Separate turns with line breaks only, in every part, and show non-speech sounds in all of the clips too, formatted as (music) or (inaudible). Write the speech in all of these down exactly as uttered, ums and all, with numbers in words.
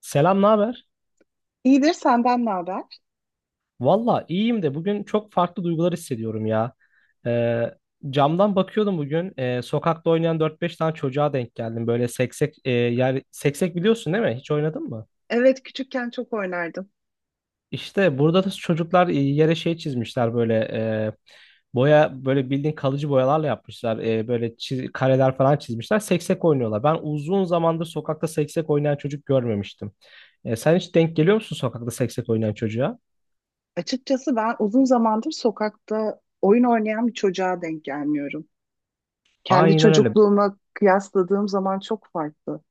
Selam, ne haber?
İyidir, senden ne haber?
Valla iyiyim de bugün çok farklı duygular hissediyorum ya. Ee, Camdan bakıyordum bugün. Ee, sokakta oynayan dört beş tane çocuğa denk geldim. Böyle seksek, e, yer, seksek biliyorsun değil mi? Hiç oynadın mı?
Evet, küçükken çok oynardım.
İşte burada da çocuklar e, yere şey çizmişler böyle e, boya böyle bildiğin kalıcı boyalarla yapmışlar. E, böyle çiz- kareler falan çizmişler. Seksek oynuyorlar. Ben uzun zamandır sokakta seksek oynayan çocuk görmemiştim. E, sen hiç denk geliyor musun sokakta seksek oynayan çocuğa?
Açıkçası ben uzun zamandır sokakta oyun oynayan bir çocuğa denk gelmiyorum. Kendi
Aynen öyle.
çocukluğuma kıyasladığım zaman çok farklı.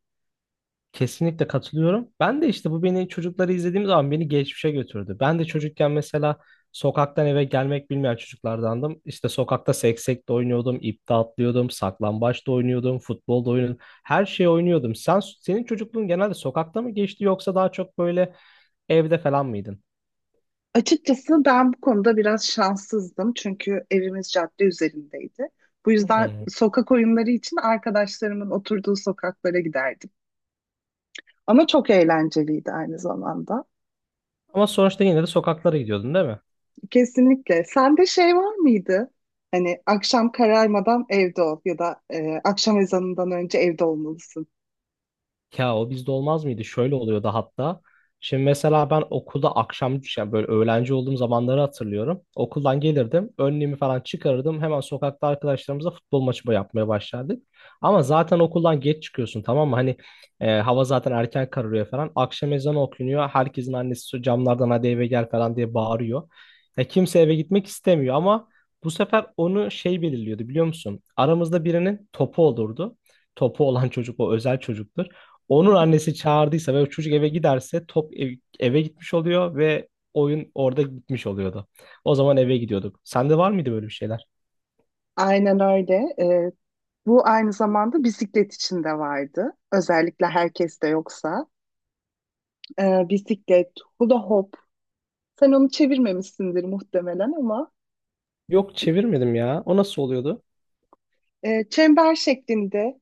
Kesinlikle katılıyorum. Ben de işte bu beni çocukları izlediğim zaman beni geçmişe götürdü. Ben de çocukken mesela sokaktan eve gelmek bilmeyen çocuklardandım. İşte sokakta seksek de oynuyordum, ip de atlıyordum, saklambaç da oynuyordum, futbol da oynuyordum. Her şeyi oynuyordum. Sen senin çocukluğun genelde sokakta mı geçti yoksa daha çok böyle evde falan mıydın?
Açıkçası ben bu konuda biraz şanssızdım çünkü evimiz cadde üzerindeydi. Bu
Hı.
yüzden
hı.
sokak oyunları için arkadaşlarımın oturduğu sokaklara giderdim. Ama çok eğlenceliydi aynı zamanda.
Ama sonuçta yine de sokaklara gidiyordun, değil mi?
Kesinlikle. Sende şey var mıydı? Hani akşam kararmadan evde ol ya da e, akşam ezanından önce evde olmalısın.
Ya o bizde olmaz mıydı? Şöyle oluyordu hatta. Şimdi mesela ben okulda akşam yani böyle öğlenci olduğum zamanları hatırlıyorum. Okuldan gelirdim. Önlüğümü falan çıkarırdım. Hemen sokakta arkadaşlarımızla futbol maçı yapmaya başlardık. Ama zaten okuldan geç çıkıyorsun tamam mı? Hani e, hava zaten erken kararıyor falan. Akşam ezanı okunuyor. Herkesin annesi camlardan hadi eve gel falan diye bağırıyor. Ya kimse eve gitmek istemiyor ama bu sefer onu şey belirliyordu biliyor musun? Aramızda birinin topu olurdu. Topu olan çocuk o özel çocuktur. Onun annesi çağırdıysa ve o çocuk eve giderse top ev- eve gitmiş oluyor ve oyun orada gitmiş oluyordu. O zaman eve gidiyorduk. Sende var mıydı böyle bir şeyler?
Aynen öyle. Ee, Bu aynı zamanda bisiklet için de vardı. Özellikle herkes de yoksa. Ee, bisiklet, hula hop. Sen onu çevirmemişsindir muhtemelen ama
Yok çevirmedim ya. O nasıl oluyordu?
e, çember şeklinde,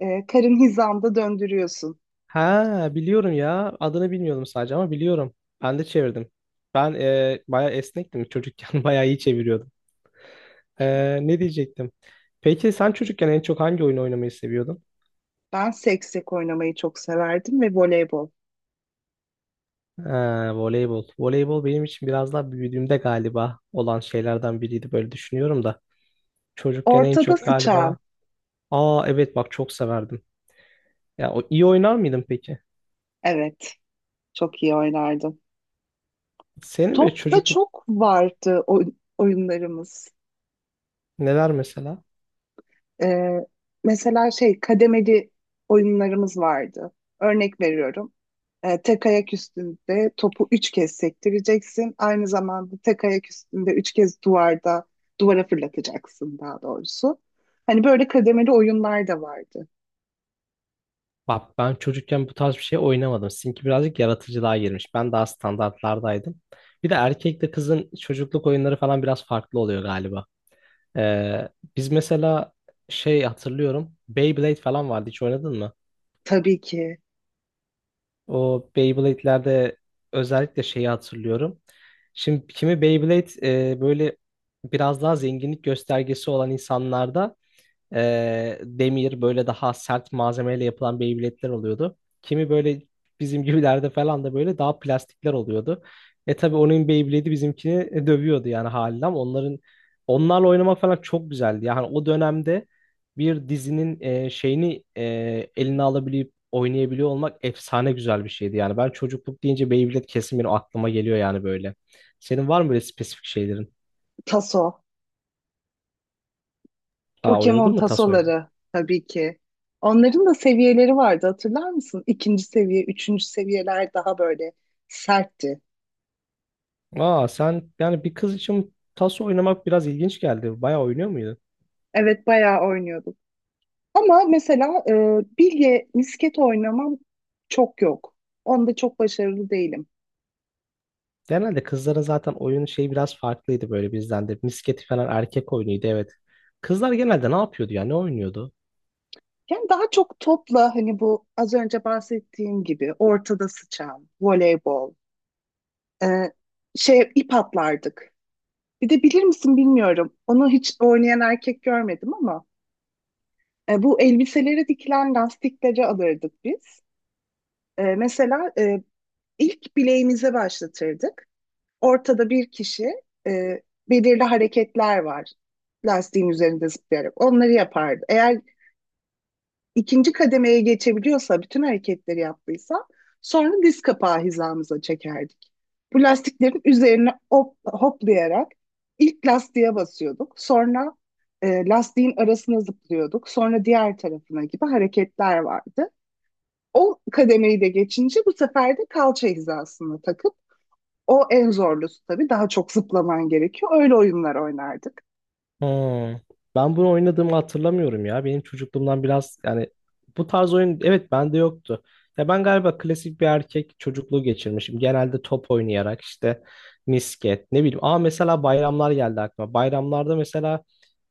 e, karın hizanda döndürüyorsun.
Ha biliyorum ya. Adını bilmiyordum sadece ama biliyorum. Ben de çevirdim. Ben e, bayağı esnektim çocukken. (laughs) Bayağı iyi çeviriyordum. Ee, ne diyecektim? Peki sen çocukken en çok hangi oyun oynamayı seviyordun?
Ben seksek oynamayı çok severdim ve voleybol.
Ha, voleybol. Voleybol benim için biraz daha büyüdüğümde galiba olan şeylerden biriydi böyle düşünüyorum da. Çocukken en
Ortada
çok
sıçan.
galiba... Aa evet bak çok severdim. Ya o iyi oynar mıydın peki?
Evet, çok iyi oynardım.
Senin böyle
Top da
çocukluk
çok vardı oy- oyunlarımız.
neler mesela?
Ee, Mesela şey kademeli oyunlarımız vardı. Örnek veriyorum. Ee, tek ayak üstünde topu üç kez sektireceksin. Aynı zamanda tek ayak üstünde üç kez duvarda duvara fırlatacaksın daha doğrusu. Hani böyle kademeli oyunlar da vardı.
Bak ben çocukken bu tarz bir şey oynamadım. Sizinki birazcık yaratıcılığa girmiş. Ben daha standartlardaydım. Bir de erkekle kızın çocukluk oyunları falan biraz farklı oluyor galiba. Ee, Biz mesela şey hatırlıyorum. Beyblade falan vardı. Hiç oynadın mı?
Tabii ki.
O Beyblade'lerde özellikle şeyi hatırlıyorum. Şimdi kimi Beyblade e, böyle biraz daha zenginlik göstergesi olan insanlarda e, demir böyle daha sert malzemeyle yapılan Beyblade'ler oluyordu. Kimi böyle bizim gibilerde falan da böyle daha plastikler oluyordu. E tabii onun Beyblade'i bizimkini e, dövüyordu yani haliyle ama onların onlarla oynamak falan çok güzeldi. Yani o dönemde bir dizinin e, şeyini e, eline alabilip oynayabiliyor olmak efsane güzel bir şeydi. Yani ben çocukluk deyince Beyblade kesin benim aklıma geliyor yani böyle. Senin var mı böyle spesifik şeylerin?
Taso.
Ha oynadın
Pokemon
mı tas
tasoları, tabii ki. Onların da seviyeleri vardı, hatırlar mısın? İkinci seviye, üçüncü seviyeler daha böyle sertti.
Aa sen yani bir kız için taso oynamak biraz ilginç geldi. Bayağı oynuyor muydun?
Evet, bayağı oynuyorduk. Ama mesela e, bilye, misket oynamam çok yok. Onda çok başarılı değilim.
Genelde kızların zaten oyunu şey biraz farklıydı böyle bizden de. Misketi falan erkek oyunuydu evet. Kızlar genelde ne yapıyordu ya? Ne oynuyordu?
Yani daha çok topla hani bu az önce bahsettiğim gibi ortada sıçan, voleybol, e, şey ip atlardık. Bir de bilir misin bilmiyorum. Onu hiç oynayan erkek görmedim ama E, bu elbiselere dikilen lastiklere alırdık biz. E, mesela e, ilk bileğimize başlatırdık. Ortada bir kişi, e, belirli hareketler var lastiğin üzerinde zıplayarak. Onları yapardı. Eğer ikinci kademeye geçebiliyorsa, bütün hareketleri yaptıysa sonra diz kapağı hizamıza çekerdik. Bu lastiklerin üzerine hop, hoplayarak ilk lastiğe basıyorduk. Sonra e, lastiğin arasına zıplıyorduk. Sonra diğer tarafına gibi hareketler vardı. O kademeyi de geçince bu sefer de kalça hizasını takıp o en zorlusu, tabii daha çok zıplaman gerekiyor. Öyle oyunlar oynardık.
Hmm. Ben bunu oynadığımı hatırlamıyorum ya. Benim çocukluğumdan biraz yani bu tarz oyun evet bende yoktu. Ya ben galiba klasik bir erkek çocukluğu geçirmişim. Genelde top oynayarak işte misket ne bileyim. Aa mesela bayramlar geldi aklıma. Bayramlarda mesela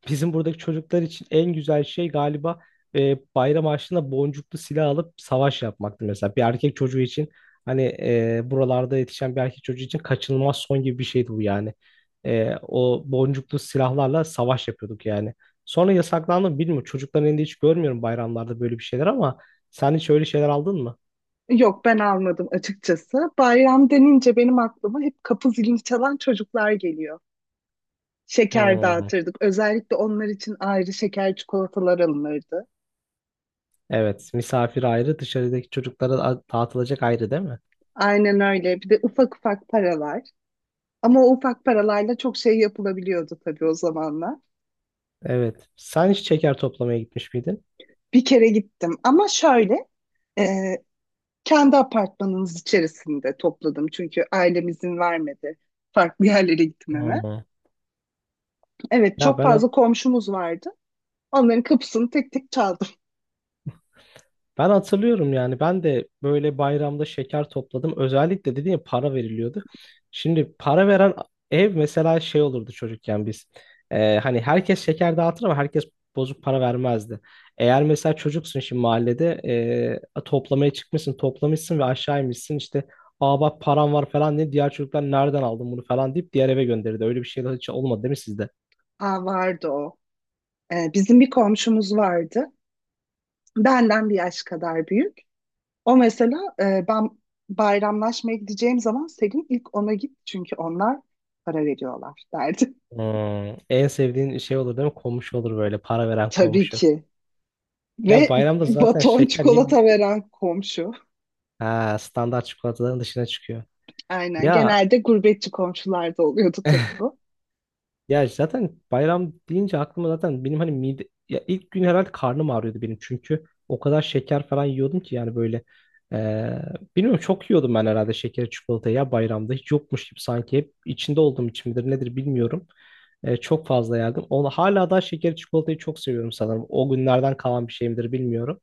bizim buradaki çocuklar için en güzel şey galiba e, bayram harçlığında boncuklu silah alıp savaş yapmaktı mesela. Bir erkek çocuğu için hani e, buralarda yetişen bir erkek çocuğu için kaçınılmaz son gibi bir şeydi bu yani. E, o boncuklu silahlarla savaş yapıyorduk yani. Sonra yasaklandı mı bilmiyorum. Çocukların elinde hiç görmüyorum bayramlarda böyle bir şeyler ama sen hiç öyle şeyler aldın mı?
Yok, ben almadım açıkçası. Bayram denince benim aklıma hep kapı zilini çalan çocuklar geliyor. Şeker
Hmm.
dağıtırdık. Özellikle onlar için ayrı şeker çikolatalar alınırdı.
Evet, misafir ayrı, dışarıdaki çocuklara a- dağıtılacak ayrı değil mi?
Aynen öyle. Bir de ufak ufak paralar. Ama o ufak paralarla çok şey yapılabiliyordu tabii o zamanlar.
Evet. Sen hiç şeker toplamaya gitmiş miydin?
Bir kere gittim ama şöyle, e, kendi apartmanımız içerisinde topladım çünkü ailem izin vermedi farklı (laughs) yerlere gitmeme.
Hmm.
Evet,
Ya
çok
ben
fazla komşumuz vardı. Onların kapısını tek tek çaldım.
Ben hatırlıyorum yani ben de böyle bayramda şeker topladım. Özellikle dediğim ya para veriliyordu. Şimdi para veren ev mesela şey olurdu çocukken biz. Ee, hani herkes şeker dağıtır ama herkes bozuk para vermezdi. Eğer mesela çocuksun şimdi mahallede ee, toplamaya çıkmışsın toplamışsın ve aşağı inmişsin işte aa bak param var falan diye diğer çocuklar nereden aldın bunu falan deyip diğer eve gönderirdi. Öyle bir şey de hiç olmadı değil mi sizde?
Aa, vardı o. Ee, bizim bir komşumuz vardı. Benden bir yaş kadar büyük. O mesela, e, ben bayramlaşmaya gideceğim zaman Selin ilk ona git çünkü onlar para veriyorlar derdi.
Hmm, en sevdiğin şey olur değil mi? Komşu olur böyle para veren
(laughs) Tabii
komşu.
ki.
Ya
Ve
bayramda Evet. zaten
baton
şeker ye
çikolata veren komşu.
Ha, standart çikolataların dışına çıkıyor.
Aynen.
Ya
Genelde gurbetçi komşularda oluyordu tabii
(laughs)
bu.
ya zaten bayram deyince aklıma zaten benim hani mide ya ilk gün herhalde karnım ağrıyordu benim çünkü o kadar şeker falan yiyordum ki yani böyle eee bilmiyorum çok yiyordum ben herhalde şekeri çikolatayı ya bayramda hiç yokmuş gibi sanki hep içinde olduğum için midir nedir bilmiyorum. Eee, çok fazla yerdim. Onu hala da şekeri çikolatayı çok seviyorum sanırım. O günlerden kalan bir şey midir bilmiyorum.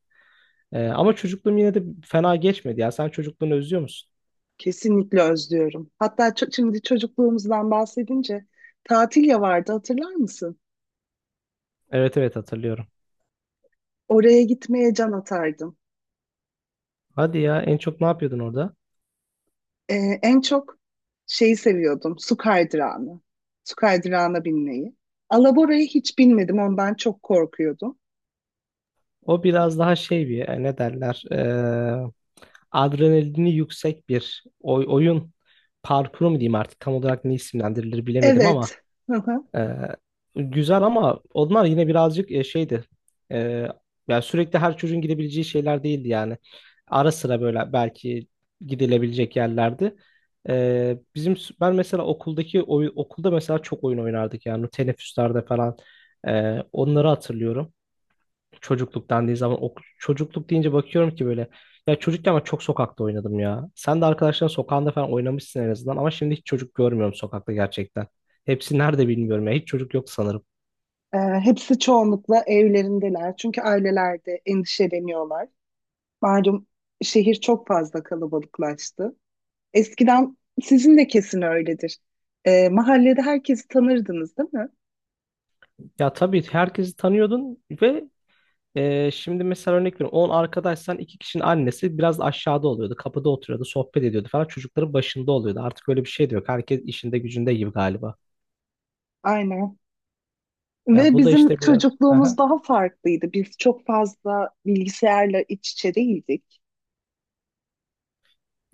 Eee, ama çocukluğum yine de fena geçmedi ya. Sen çocukluğunu özlüyor musun?
Kesinlikle özlüyorum. Hatta ço- şimdi çocukluğumuzdan bahsedince tatil vardı, hatırlar mısın?
Evet evet hatırlıyorum.
Oraya gitmeye can atardım.
Hadi ya en çok ne yapıyordun orada?
Ee, En çok şeyi seviyordum. Su kaydırağını. Su kaydırağına binmeyi. Alabora'ya hiç binmedim. Ondan çok korkuyordum.
O biraz daha şey bir e, ne derler e, adrenalini yüksek bir oy- oyun parkuru mu diyeyim artık tam olarak ne isimlendirilir bilemedim ama
Evet. (laughs)
e, güzel ama onlar yine birazcık e, şeydi e, yani sürekli her çocuğun gidebileceği şeyler değildi yani ara sıra böyle belki gidilebilecek yerlerdi. E, bizim ben mesela okuldaki oy- okulda mesela çok oyun oynardık yani teneffüslerde falan. E, onları hatırlıyorum. Çocukluk dendiği zaman ok çocukluk deyince bakıyorum ki böyle ya çocukken ben çok sokakta oynadım ya. Sen de arkadaşların sokağında falan oynamışsın en azından ama şimdi hiç çocuk görmüyorum sokakta gerçekten. Hepsi nerede bilmiyorum ya. Hiç çocuk yok sanırım.
Ee, Hepsi çoğunlukla evlerindeler. Çünkü ailelerde endişeleniyorlar. Malum, şehir çok fazla kalabalıklaştı. Eskiden sizin de kesin öyledir. Ee, mahallede herkesi tanırdınız, değil mi?
Ya tabii herkesi tanıyordun ve e, şimdi mesela örnek veriyorum on arkadaşsan iki kişinin annesi biraz aşağıda oluyordu. Kapıda oturuyordu, sohbet ediyordu falan. Çocukların başında oluyordu. Artık öyle bir şey de yok. Herkes işinde gücünde gibi galiba.
Aynen.
Ya
Ve
bu da
bizim
işte biraz.
çocukluğumuz
(laughs)
daha farklıydı. Biz çok fazla bilgisayarla iç içe değildik.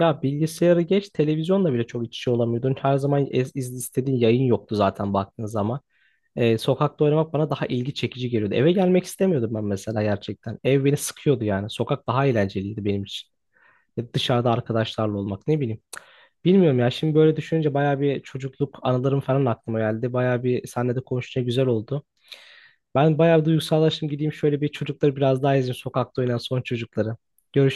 Ya bilgisayarı geç, televizyonla bile çok iç içe olamıyordun. Her zaman ez, iz- istediğin yayın yoktu zaten baktığın zaman. Ee, sokakta oynamak bana daha ilgi çekici geliyordu. Eve gelmek istemiyordum ben mesela gerçekten. Ev beni sıkıyordu yani. Sokak daha eğlenceliydi benim için. Ya dışarıda arkadaşlarla olmak ne bileyim. Bilmiyorum ya şimdi böyle düşününce baya bir çocukluk anılarım falan aklıma geldi. Baya bir seninle de konuşunca güzel oldu. Ben bayağı bir duygusallaştım gideyim şöyle bir çocukları biraz daha izleyeyim sokakta oynayan son çocukları. Görüşürüz.